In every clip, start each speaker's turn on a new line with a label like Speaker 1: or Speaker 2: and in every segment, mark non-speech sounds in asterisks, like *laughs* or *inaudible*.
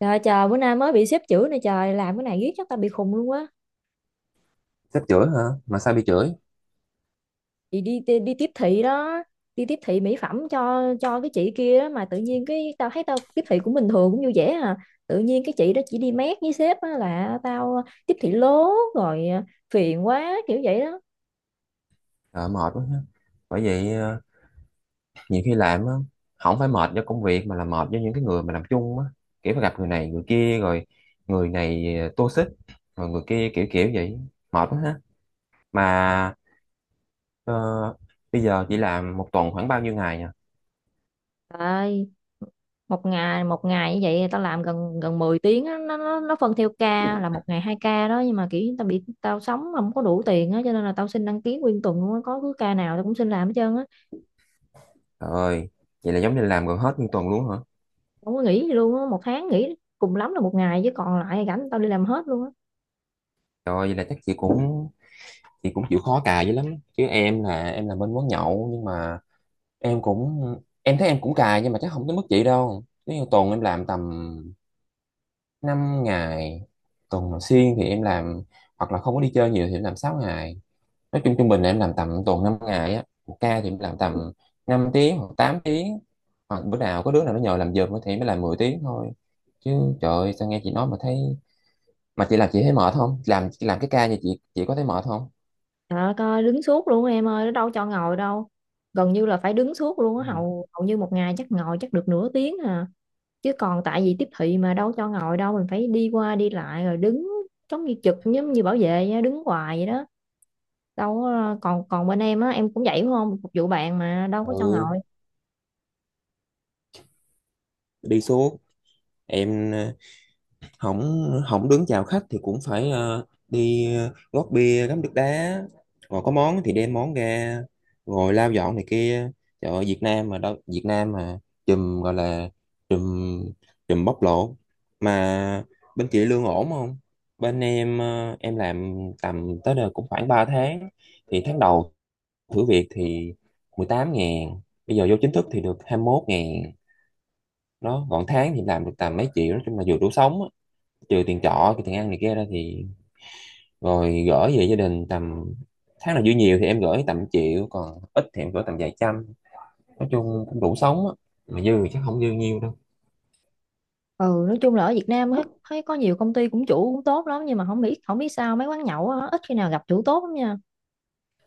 Speaker 1: Trời trời, bữa nay mới bị xếp chữ này, trời làm cái này riết chắc tao bị khùng luôn á.
Speaker 2: Sếp chửi hả? Mà sao bị chửi?
Speaker 1: Chị đi, đi đi tiếp thị đó, đi tiếp thị mỹ phẩm cho cái chị kia đó mà tự nhiên cái tao thấy tao tiếp thị cũng bình thường cũng vui vẻ à. Tự nhiên cái chị đó chỉ đi mét với sếp á là tao tiếp thị lố rồi à, phiền quá kiểu vậy đó.
Speaker 2: Trời, mệt quá ha. Bởi vậy nhiều khi làm á không phải mệt do công việc mà là mệt do những cái người mà làm chung á, kiểu phải gặp người này người kia rồi. Người này toxic, rồi người kia kiểu kiểu vậy. Mệt quá ha. Mà ờ, bây giờ chị làm một tuần khoảng bao nhiêu ngày nhỉ?
Speaker 1: Trời, một ngày như vậy tao làm gần gần 10 tiếng á, nó phân theo ca là một ngày hai ca đó, nhưng mà kiểu tao bị tao sống không có đủ tiền á, cho nên là tao xin đăng ký nguyên tuần luôn á, có cứ ca nào tao cũng xin làm hết trơn á.
Speaker 2: Trời ơi, vậy là giống như làm gần hết nguyên tuần luôn hả?
Speaker 1: Không có nghỉ gì luôn á, một tháng nghỉ cùng lắm là một ngày, chứ còn lại rảnh tao đi làm hết luôn á.
Speaker 2: Trời ơi, vậy là chắc chị cũng chịu khó cài dữ lắm. Chứ em là em làm bên quán nhậu nhưng mà em cũng, em thấy em cũng cài nhưng mà chắc không tới mức vậy đâu. Nếu như tuần em làm tầm 5 ngày, tuần mà xuyên thì em làm, hoặc là không có đi chơi nhiều thì em làm 6 ngày. Nói chung trung bình là em làm tầm tuần 5 ngày á, một ca thì em làm tầm 5 tiếng hoặc 8 tiếng, hoặc bữa nào có đứa nào nó nhờ làm giùm thì mới làm 10 tiếng thôi. Chứ trời ơi, sao nghe chị nói mà thấy. Mà chị làm chị thấy mệt không? Làm cái ca như chị có thấy mệt không?
Speaker 1: Trời ơi, coi đứng suốt luôn á em ơi, nó đâu cho ngồi đâu, gần như là phải đứng suốt luôn á, hầu hầu như một ngày chắc ngồi chắc được nửa tiếng à, chứ còn tại vì tiếp thị mà đâu cho ngồi đâu, mình phải đi qua đi lại rồi đứng, giống như trực giống như bảo vệ á, đứng hoài vậy đó. Đâu có- còn còn bên em á, em cũng vậy đúng không, phục vụ bạn mà đâu có cho
Speaker 2: Ừ,
Speaker 1: ngồi.
Speaker 2: đi suốt. Em không, không đứng chào khách thì cũng phải đi, gót bia, ngắm nước đá, rồi có món thì đem món ra, rồi lau dọn này kia. Trời ơi, Việt Nam mà đâu, Việt Nam mà chùm, gọi là chùm, chùm bóc lột. Mà bên chị lương ổn không? Bên em em làm tầm tới đây cũng khoảng 3 tháng, thì tháng đầu thử việc thì 18 ngàn, bây giờ vô chính thức thì được 21 ngàn đó. Còn tháng thì làm được tầm mấy triệu, nói chung là vừa đủ sống á, trừ tiền trọ tiền ăn này kia ra, thì rồi gửi về gia đình tầm, tháng nào dư nhiều thì em gửi tầm triệu, còn ít thì em gửi tầm vài trăm. Nói chung cũng đủ sống á, mà dư thì chắc không dư nhiều đâu.
Speaker 1: Ừ, nói chung là ở Việt Nam á, thấy có nhiều công ty cũng chủ cũng tốt lắm, nhưng mà không biết sao mấy quán nhậu á, ít khi nào gặp chủ tốt lắm nha.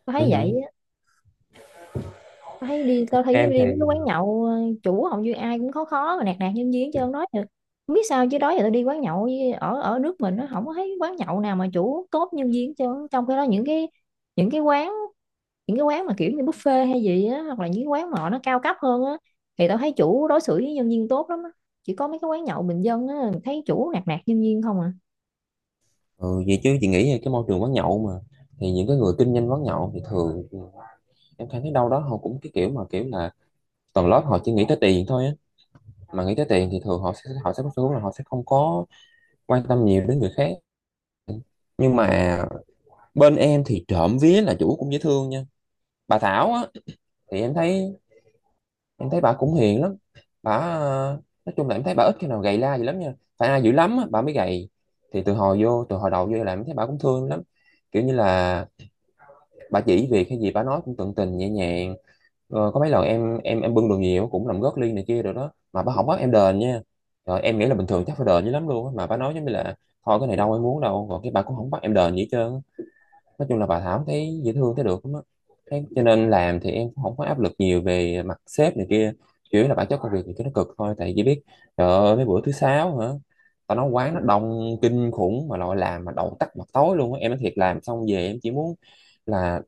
Speaker 1: Tao
Speaker 2: Ừ,
Speaker 1: thấy vậy
Speaker 2: hử.
Speaker 1: á. Tao thấy đi, tao thấy
Speaker 2: Em
Speaker 1: đi mấy cái
Speaker 2: thì
Speaker 1: quán nhậu chủ hầu như ai cũng khó, khó mà nạt nạt nhân viên chứ không nói được. Không biết sao chứ đó giờ tao đi quán nhậu với- ở ở nước mình nó không có thấy quán nhậu nào mà chủ tốt nhân viên, chứ trong cái đó những cái, những cái quán những cái quán mà kiểu như buffet hay gì á, hoặc là những quán mà họ nó cao cấp hơn á, thì tao thấy chủ đối xử với nhân viên tốt lắm á. Chỉ có mấy cái quán nhậu bình dân á, thấy chủ nạt nạt nhân viên không à.
Speaker 2: ừ, vậy chứ chị nghĩ là cái môi trường quán nhậu mà thì những cái người kinh doanh quán nhậu thì thường, em thấy đâu đó họ cũng cái kiểu mà kiểu là tầng lớp họ chỉ nghĩ tới tiền thôi á. Mà nghĩ tới tiền thì thường họ sẽ có xu hướng là họ sẽ không có quan tâm nhiều đến người khác. Nhưng mà bên em thì trộm vía là chủ cũng dễ thương nha. Bà Thảo á, thì em thấy, em thấy bà cũng hiền lắm. Bà nói chung là em thấy bà ít khi nào gầy la gì lắm nha, phải ai dữ lắm á bà mới gầy. Thì từ hồi vô, từ hồi đầu vô là em thấy bà cũng thương lắm, kiểu như là bà chỉ việc hay gì bà nói cũng tận tình nhẹ nhàng. Có mấy lần em bưng đồ nhiều cũng làm gót ly này kia rồi đó mà bà không bắt em đền nha. Rồi em nghĩ là bình thường chắc phải đền dữ lắm luôn á, mà bà nói giống như là thôi cái này đâu em muốn đâu, rồi cái bà cũng không bắt em đền gì hết trơn á. Nói chung là bà Thảo thấy dễ thương, thấy được lắm á. Thế cho nên làm thì em cũng không có áp lực nhiều về mặt sếp này kia, chủ yếu là bản chất công việc thì cái nó cực thôi. Tại chỉ biết trời ơi mấy bữa thứ sáu hả, tao nói quán nó đông kinh khủng mà loại làm mà đầu tắt mặt tối luôn á. Em nói thiệt, làm xong về em chỉ muốn là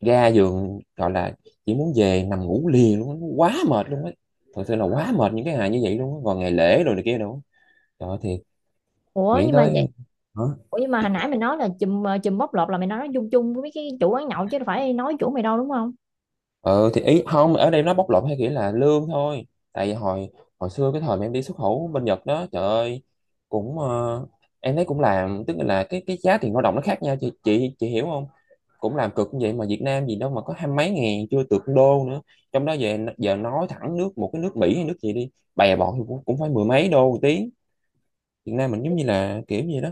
Speaker 2: ra giường, gọi là chỉ muốn về nằm ngủ liền luôn á. Nó quá mệt luôn á, thật sự là quá mệt những cái ngày như vậy luôn á. Còn ngày lễ rồi này kia đâu, trời ơi thiệt,
Speaker 1: Ủa
Speaker 2: nghĩ
Speaker 1: nhưng mà vậy,
Speaker 2: tới.
Speaker 1: ủa nhưng mà hồi nãy mày nói là chùm chùm bóc lột, là mày nói chung chung với mấy cái chủ quán nhậu chứ đâu phải nói chủ mày đâu đúng không.
Speaker 2: Ừ thì ý không ở đây nó bóc lột theo nghĩa là lương thôi. Tại vì hồi hồi xưa cái thời mà em đi xuất khẩu bên Nhật đó, trời ơi, cũng em thấy cũng làm, tức là cái giá tiền lao động nó khác nhau, chị hiểu không? Cũng làm cực như vậy mà Việt Nam gì đâu mà có hai mấy ngàn, chưa được con đô nữa. Trong đó về giờ nói thẳng nước, một cái nước Mỹ hay nước gì đi, bè bọn thì cũng, cũng phải mười mấy đô một tiếng. Việt Nam mình giống như là kiểu gì đó.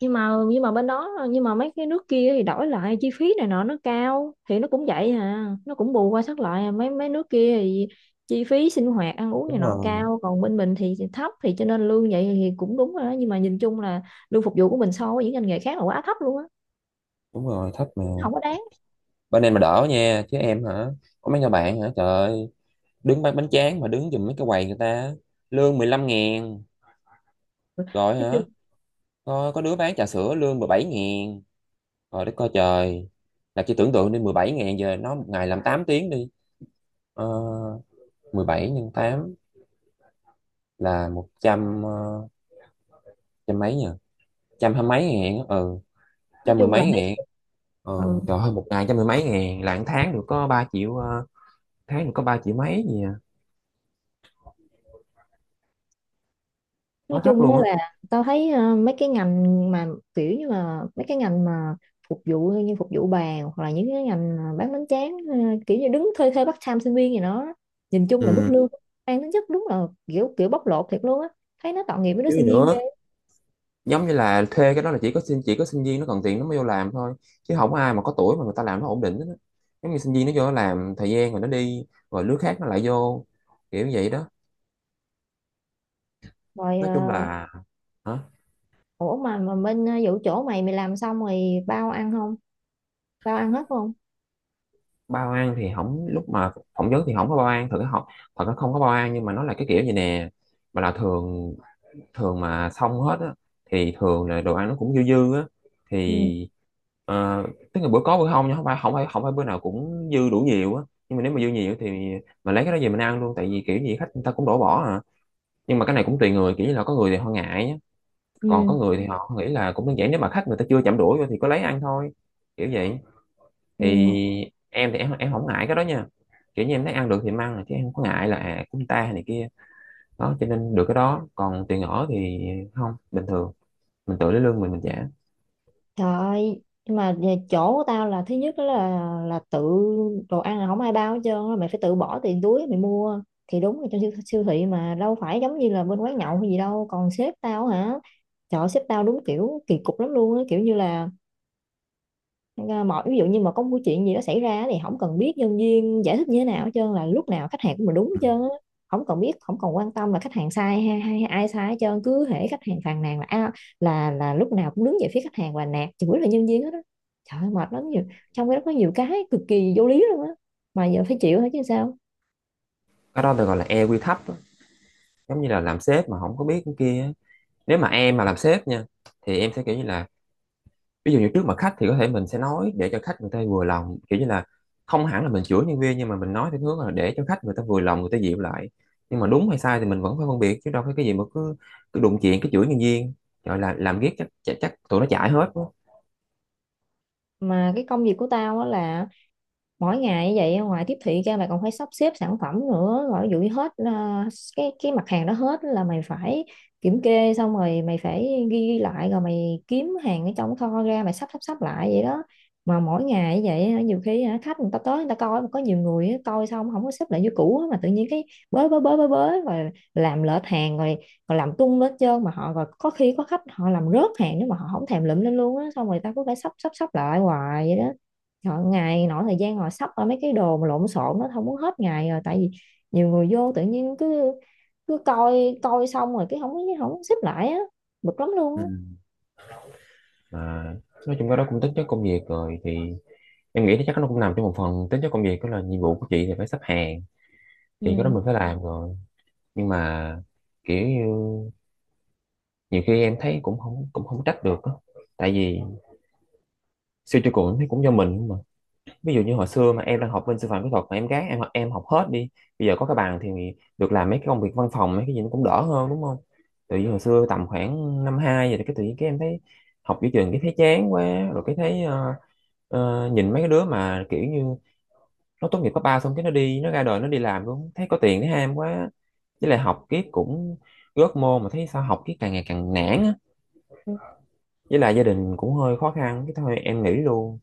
Speaker 1: Nhưng mà bên đó, nhưng mà mấy cái nước kia thì đổi lại chi phí này nọ nó cao thì nó cũng vậy à, nó cũng bù qua sát lại à. Mấy mấy nước kia thì chi phí sinh hoạt ăn uống này
Speaker 2: Đúng
Speaker 1: nọ
Speaker 2: rồi.
Speaker 1: cao, còn bên mình thì thấp, thì cho nên lương vậy thì cũng đúng rồi đó, nhưng mà nhìn chung là lương phục vụ của mình so với những ngành nghề khác là quá thấp luôn á,
Speaker 2: Đúng rồi, thấp mà.
Speaker 1: không có đáng.
Speaker 2: Bên em mà đỡ nha, chứ em hả, có mấy người bạn hả, trời ơi, đứng bán bánh tráng mà đứng giùm mấy cái quầy người ta lương 15 ngàn. Rồi
Speaker 1: nói chung
Speaker 2: hả, có đứa bán trà sữa lương 17 ngàn. Rồi đất coi trời, là chỉ tưởng tượng đi, 17 ngàn giờ nó một ngày làm 8 tiếng đi, ờ, 17 nhân 8 là 100 trăm mấy nhỉ, trăm hai mấy ngàn á, ừ,
Speaker 1: nói
Speaker 2: trăm mười
Speaker 1: chung là
Speaker 2: mấy
Speaker 1: mấy
Speaker 2: ngàn. Ừ.
Speaker 1: Ừ.
Speaker 2: Trời ơi, một ngày trăm mười mấy ngàn là một tháng được có 3 triệu tháng được có 3 triệu mấy gì à,
Speaker 1: Nói
Speaker 2: quá thấp
Speaker 1: chung
Speaker 2: luôn
Speaker 1: á
Speaker 2: á.
Speaker 1: là tao thấy mấy cái ngành mà kiểu như là mấy cái ngành mà phục vụ, như phục vụ bàn, hoặc là những cái ngành mà bán bánh tráng kiểu như đứng thuê, part time sinh viên gì đó, nhìn chung là mức
Speaker 2: Ừ,
Speaker 1: lương mang tính chất đúng là kiểu kiểu bóc lột thiệt luôn á, thấy nó tội nghiệp với đứa
Speaker 2: chứ gì
Speaker 1: sinh viên ghê.
Speaker 2: nữa. Giống như là thuê cái đó là chỉ có sinh, chỉ có sinh viên nó cần tiền nó mới vô làm thôi, chứ không có ai mà có tuổi mà người ta làm nó ổn định hết á. Giống như sinh viên nó vô nó làm thời gian rồi nó đi, rồi lứa khác nó lại vô, kiểu vậy đó.
Speaker 1: Rồi
Speaker 2: Nói chung là, hả?
Speaker 1: ủa mà bên vụ chỗ mày, làm xong rồi bao ăn không, bao ăn hết không?
Speaker 2: Bao ăn thì không, lúc mà phỏng vấn thì không có bao ăn thật không, thật nó không có bao ăn. Nhưng mà nó là cái kiểu gì nè, mà là thường, thường mà xong hết á, thì thường là đồ ăn nó cũng dư dư á,
Speaker 1: Ừ.
Speaker 2: thì ờ, tức là bữa có bữa không nha, không phải bữa nào cũng dư đủ nhiều á. Nhưng mà nếu mà dư nhiều thì mình lấy cái đó về mình ăn luôn, tại vì kiểu gì khách người ta cũng đổ bỏ à. Nhưng mà cái này cũng tùy người, kiểu như là có người thì họ ngại á, còn có
Speaker 1: Ừ.
Speaker 2: người thì họ nghĩ là cũng đơn giản, nếu mà khách người ta chưa chạm đũa vô thì có lấy ăn thôi, kiểu vậy. Thì
Speaker 1: Ừ.
Speaker 2: em thì em không ngại cái đó nha, kiểu như em thấy ăn được thì em ăn chứ em không có ngại là à, cúng ta này kia đó. Cho nên được cái đó, còn tiền ở thì không, bình thường mình tự lấy lương mình trả.
Speaker 1: Trời ơi, nhưng mà về chỗ của tao là thứ nhất đó là tự, đồ ăn là không ai bao hết trơn á, mày phải tự bỏ tiền túi mày mua, thì đúng là trong siêu thị mà đâu phải giống như là bên quán nhậu hay gì đâu. Còn sếp tao hả, trời ơi, sếp tao đúng kiểu kỳ cục lắm luôn á, kiểu như là nên mọi ví dụ như mà có một chuyện gì đó xảy ra thì không cần biết nhân viên giải thích như thế nào hết trơn, là lúc nào khách hàng cũng là đúng hết
Speaker 2: Ừ.
Speaker 1: trơn á. Không cần biết không cần quan tâm là khách hàng sai hay, hay ai sai hết trơn, cứ hễ khách hàng phàn nàn là à, là lúc nào cũng đứng về phía khách hàng và nạt chửi là nhân viên hết á. Trời ơi, mệt lắm nhiều, trong cái đó có nhiều cái cực kỳ vô lý luôn á, mà giờ phải chịu hết chứ sao.
Speaker 2: Cái đó được gọi là e quy thấp á, giống như là làm sếp mà không có biết cái kia á. Nếu mà em mà làm sếp nha thì em sẽ kiểu như là ví dụ như trước mặt khách thì có thể mình sẽ nói để cho khách người ta vừa lòng, kiểu như là không hẳn là mình chửi nhân viên nhưng mà mình nói theo hướng là để cho khách người ta vừa lòng, người ta dịu lại. Nhưng mà đúng hay sai thì mình vẫn phải phân biệt, chứ đâu phải cái gì mà cứ cứ đụng chuyện cái chửi nhân viên, gọi là làm ghét chắc, chắc tụi nó chảy hết quá.
Speaker 1: Mà cái công việc của tao á là mỗi ngày như vậy ngoài tiếp thị ra mày còn phải sắp xếp sản phẩm nữa, rồi ví dụ như hết à, cái mặt hàng đó hết là mày phải kiểm kê xong rồi mày phải ghi lại, rồi mày kiếm hàng ở trong kho ra mày sắp sắp sắp lại vậy đó. Mà mỗi ngày như vậy hả, nhiều khi hả, khách người ta tới người ta coi mà có nhiều người á, coi xong không có xếp lại như cũ á, mà tự nhiên cái bới bới bới bới bới rồi làm lệch hàng rồi, còn làm tung lên trơn, mà họ rồi có khi có khách họ làm rớt hàng, nếu mà họ không thèm lụm lên luôn á, xong rồi ta cứ phải sắp sắp sắp lại hoài vậy đó. Họ ngày nọ thời gian ngồi sắp ra mấy cái đồ mà lộn xộn nó không muốn hết ngày rồi, tại vì nhiều người vô tự nhiên cứ cứ coi, coi xong rồi cái không không xếp lại á, bực lắm luôn
Speaker 2: Ừ.
Speaker 1: á.
Speaker 2: mà nói chung cái đó cũng tính chất công việc rồi, thì em nghĩ chắc nó cũng nằm trong một phần tính chất công việc. Đó là nhiệm vụ của chị thì phải xếp hàng, thì cái đó
Speaker 1: Ừ.
Speaker 2: mình phải làm rồi. Nhưng mà kiểu như nhiều khi em thấy cũng không trách được á. Tại vì siêu tiêu cự thấy cũng do mình không mà. Ví dụ như hồi xưa mà em đang học bên sư phạm kỹ thuật mà em gác em học hết đi, bây giờ có cái bàn thì được làm mấy cái công việc văn phòng mấy cái gì nó cũng đỡ hơn, đúng không? Tự nhiên hồi xưa tầm khoảng năm hai vậy thì cái tự nhiên cái em thấy học giữa trường cái thấy chán quá. Rồi cái thấy nhìn mấy cái đứa mà kiểu như nó tốt nghiệp cấp ba xong cái nó đi nó ra đời nó đi làm luôn thấy có tiền thấy ham quá. Với lại học kiếp cũng gớt môn mà thấy sao học kiếp càng ngày càng nản á. Với lại gia đình cũng hơi khó khăn cái thôi em nghỉ luôn.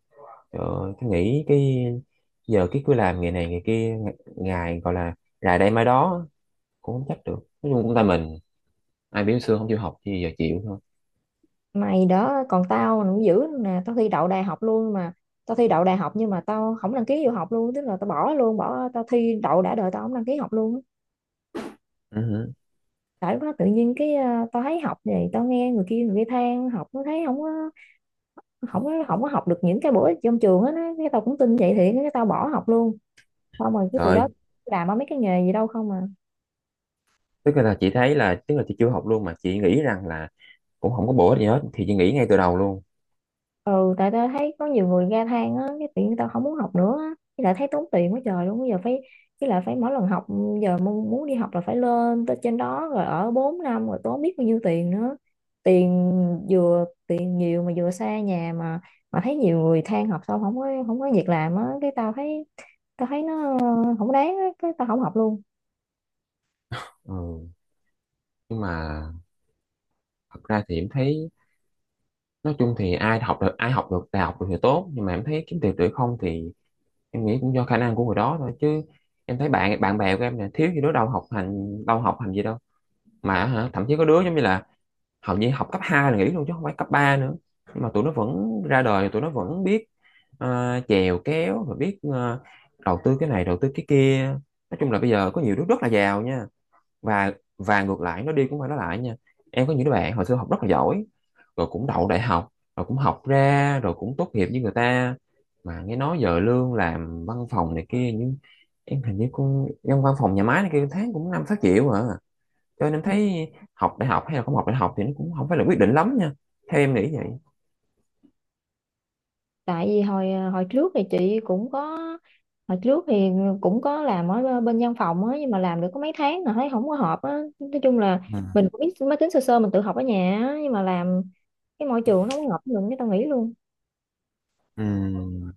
Speaker 2: Trời, tôi nghĩ cái giờ cái cứ làm ngày này ngày kia, ngày gọi là rày đây mai đó cũng không chắc được. Nói chung cũng tại mình, ai biểu xưa không chịu học thì giờ chịu thôi.
Speaker 1: Mày đó, còn tao nó dữ nè, tao thi đậu đại học luôn mà, tao thi đậu đại học nhưng mà tao không đăng ký vô học luôn, tức là tao bỏ luôn, bỏ, tao thi đậu đã đời tao không đăng ký học luôn á.
Speaker 2: Ừ. Hử.
Speaker 1: Tại lúc đó tự nhiên cái tao thấy học này, tao nghe người kia than học nó thấy không có, không có học được những cái bổ ích trong trường á, cái tao cũng tin vậy thì cái tao bỏ học luôn, xong rồi cái từ
Speaker 2: Rồi.
Speaker 1: đó làm ở mấy cái nghề gì đâu không à.
Speaker 2: Tức là chị thấy là, tức là chị chưa học luôn mà chị nghĩ rằng là cũng không có bổ ích gì hết thì chị nghĩ ngay từ đầu luôn.
Speaker 1: Ừ, tại tao thấy có nhiều người ga than á, cái tự nhiên tao không muốn học nữa á, với lại thấy tốn tiền quá trời luôn bây giờ phải, với lại phải mỗi lần học, giờ muốn đi học là phải lên tới trên đó rồi ở 4 năm rồi tốn biết bao nhiêu tiền nữa, tiền, vừa tiền nhiều mà vừa xa nhà mà thấy nhiều người than học xong không có, không có việc làm á, cái tao thấy, tao thấy nó không đáng á, cái tao không học luôn.
Speaker 2: Ừ. Nhưng mà thật ra thì em thấy nói chung thì ai học được đại học được thì tốt, nhưng mà em thấy kiếm tiền được không thì em nghĩ cũng do khả năng của người đó thôi chứ. Em thấy bạn bạn bè của em nè thiếu gì đó, đâu học hành gì đâu, mà hả, thậm chí có đứa giống như là hầu như học cấp 2 là nghỉ luôn chứ không phải cấp 3 nữa. Nhưng mà tụi nó vẫn ra đời, tụi nó vẫn biết chèo kéo và biết đầu tư cái này đầu tư cái kia. Nói chung là bây giờ có nhiều đứa rất là giàu nha. Và và ngược lại nó đi cũng phải nó lại nha. Em có những đứa bạn hồi xưa học rất là giỏi, rồi cũng đậu đại học, rồi cũng học ra rồi cũng tốt nghiệp với người ta, mà nghe nói giờ lương làm văn phòng này kia, nhưng em hình như con trong văn phòng nhà máy này kia tháng cũng 5-6 triệu à. Cho nên em thấy học đại học hay là không học đại học thì nó cũng không phải là quyết định lắm nha, theo em nghĩ vậy.
Speaker 1: Tại vì hồi hồi trước thì chị cũng có, hồi trước thì cũng có làm ở bên văn phòng á, nhưng mà làm được có mấy tháng rồi thấy không có hợp á, nói chung là
Speaker 2: Ừ.
Speaker 1: mình cũng biết máy tính sơ sơ, mình tự học ở nhà á, nhưng mà làm cái môi trường nó không hợp với mình, cái tao nghỉ luôn.
Speaker 2: Ừ.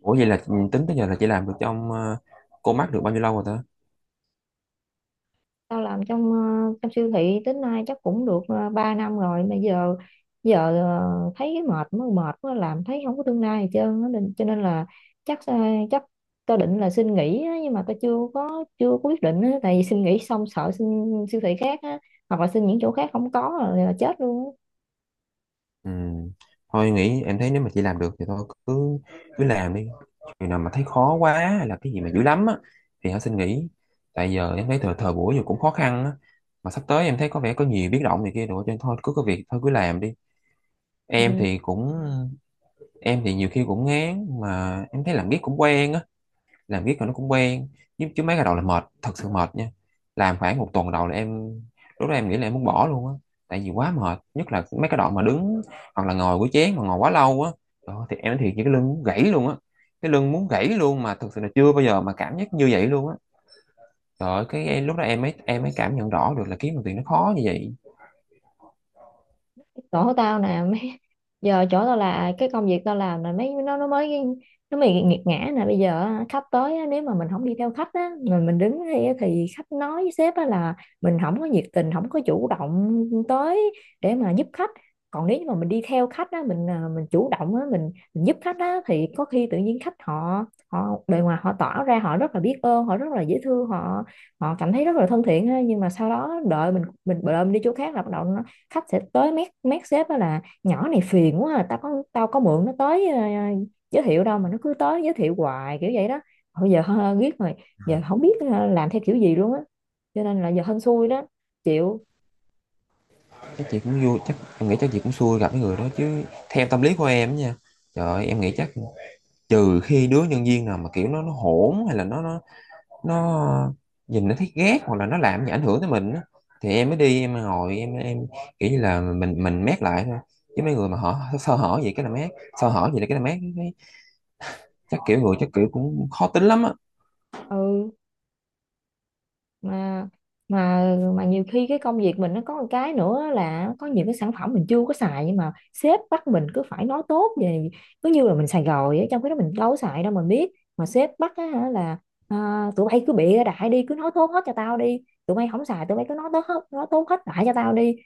Speaker 2: Ủa vậy là tính tới giờ là chị làm được trong cô mắc được bao nhiêu lâu rồi ta?
Speaker 1: Tao làm trong trong siêu thị tới nay chắc cũng được 3 năm rồi, mà giờ giờ thấy cái mệt, mới mệt mới làm thấy không có tương lai gì trơn á. Nên- cho nên là chắc chắc tao định là xin nghỉ á, nhưng mà tao chưa có quyết định á, tại vì xin nghỉ xong sợ xin siêu thị khác á, hoặc là xin những chỗ khác không có rồi là chết luôn á.
Speaker 2: Ừ. Thôi nghĩ em thấy nếu mà chị làm được thì thôi cứ cứ làm đi. Chừng nào mà thấy khó quá hay là cái gì mà dữ lắm á thì hãy xin nghỉ. Tại giờ em thấy thời thời buổi giờ cũng khó khăn á, mà sắp tới em thấy có vẻ có nhiều biến động này kia rồi, cho nên thôi cứ có việc thôi cứ làm đi. em
Speaker 1: Ừ.
Speaker 2: thì cũng em thì nhiều khi cũng ngán mà em thấy làm biết cũng quen á, làm riết rồi nó cũng quen. Chứ mấy cái đầu là mệt, thật sự mệt nha. Làm khoảng một tuần đầu là em, lúc đó em nghĩ là em muốn bỏ luôn á, tại vì quá mệt, nhất là mấy cái đoạn mà đứng hoặc là ngồi của chén mà ngồi quá lâu á. Đó, thì em nói thiệt với cái lưng muốn gãy luôn á, cái lưng muốn gãy luôn, mà thực sự là chưa bao giờ mà cảm giác như vậy luôn á. Trời ơi, lúc đó em mới cảm nhận rõ được là kiếm đồng tiền nó khó như vậy.
Speaker 1: Chỗ tao nè mấy, giờ chỗ tao là cái công việc tao làm là mấy nó mới nghiệt ngã nè, bây giờ á, khách tới á, nếu mà mình không đi theo khách á mà mình đứng đây á, thì khách nói với sếp á là mình không có nhiệt tình không có chủ động tới để mà giúp khách, còn nếu như mà mình đi theo khách á, mình à, mình chủ động á, mình giúp khách á, thì có khi tự nhiên khách họ, họ bề ngoài họ tỏ ra họ rất là biết ơn, họ rất là dễ thương, họ họ cảm thấy rất là thân thiện ha, nhưng mà sau đó đợi mình đợi mình đi chỗ khác là bắt đầu nó, khách sẽ tới mét mét sếp đó là nhỏ này phiền quá à, tao có mượn nó tới giới thiệu đâu mà nó cứ tới giới thiệu hoài kiểu vậy đó. Bây giờ *laughs* hơ, biết rồi, giờ không biết làm theo kiểu gì luôn á, cho nên là giờ hên xui đó, chịu.
Speaker 2: Chắc em nghĩ chắc chị cũng xui gặp cái người đó chứ, theo tâm lý của em nha. Trời ơi, em nghĩ chắc trừ khi đứa nhân viên nào mà kiểu nó hỗn, hay là nó nhìn nó thấy ghét, hoặc là nó làm gì ảnh hưởng tới mình á, thì em mới đi em ngồi em kiểu như là mình mét lại thôi. Chứ mấy người mà họ sơ hở gì cái là mét, sơ hở gì là cái là mét cái, chắc kiểu cũng khó tính lắm á.
Speaker 1: Ừ. Mà mà nhiều khi cái công việc mình nó có một cái nữa là có những cái sản phẩm mình chưa có xài, nhưng mà sếp bắt mình cứ phải nói tốt về, cứ như là mình xài rồi á, trong khi đó mình đâu có xài đâu mình biết. Mà sếp bắt á, hả là à, tụi bay cứ bịa đại đi, cứ nói tốt hết cho tao đi, tụi bay không xài tụi bay cứ nói tốt hết, nói tốt hết đại cho tao đi.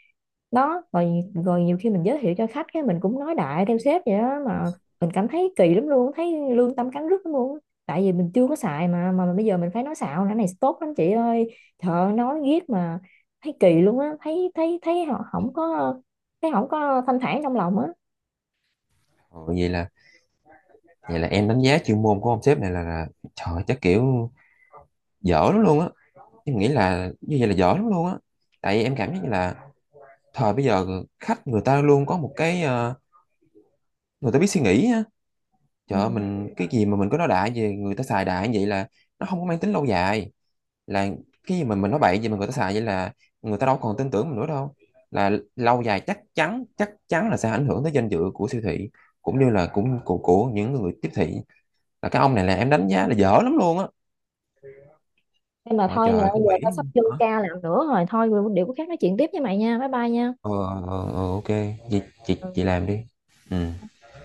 Speaker 1: Đó rồi, rồi nhiều khi mình giới thiệu cho khách cái mình cũng nói đại theo sếp vậy đó mà, mình cảm thấy kỳ lắm luôn, thấy lương tâm cắn rứt lắm luôn á. Tại vì mình chưa có xài mà bây giờ mình phải nói xạo nữa này, tốt lắm chị ơi. Trời ơi, nói riết mà thấy kỳ luôn á, thấy thấy thấy họ không có, thấy không có thanh thản trong lòng á.
Speaker 2: Ừ, vậy là em đánh giá chuyên môn của ông sếp này là, trời ơi, chắc kiểu dở lắm luôn á, em nghĩ là như vậy là dở lắm luôn á. Tại vì em cảm giác như là thời bây giờ khách người ta luôn có một cái, người ta biết suy nghĩ á.
Speaker 1: Ừ.
Speaker 2: Trời ơi, mình cái gì mà mình cứ nói đại về người ta xài đại như vậy là nó không có mang tính lâu dài, là cái gì mà mình nói bậy gì mà người ta xài vậy là người ta đâu còn tin tưởng mình nữa đâu. Là lâu dài chắc chắn là sẽ ảnh hưởng tới danh dự của siêu thị, cũng như là cũng của những người tiếp thị. Là cái ông này là em đánh giá là dở lắm luôn á.
Speaker 1: Em mà
Speaker 2: Trời
Speaker 1: thôi mày
Speaker 2: trời
Speaker 1: ơi,
Speaker 2: không
Speaker 1: giờ tao
Speaker 2: nghĩ.
Speaker 1: sắp vô
Speaker 2: Hả?
Speaker 1: ca làm nữa rồi, thôi điều có khác nói chuyện tiếp với mày nha. Bye bye nha.
Speaker 2: Ờ, ờ, ờ, ok. chị chị
Speaker 1: Ừ.
Speaker 2: chị làm đi. Ừ.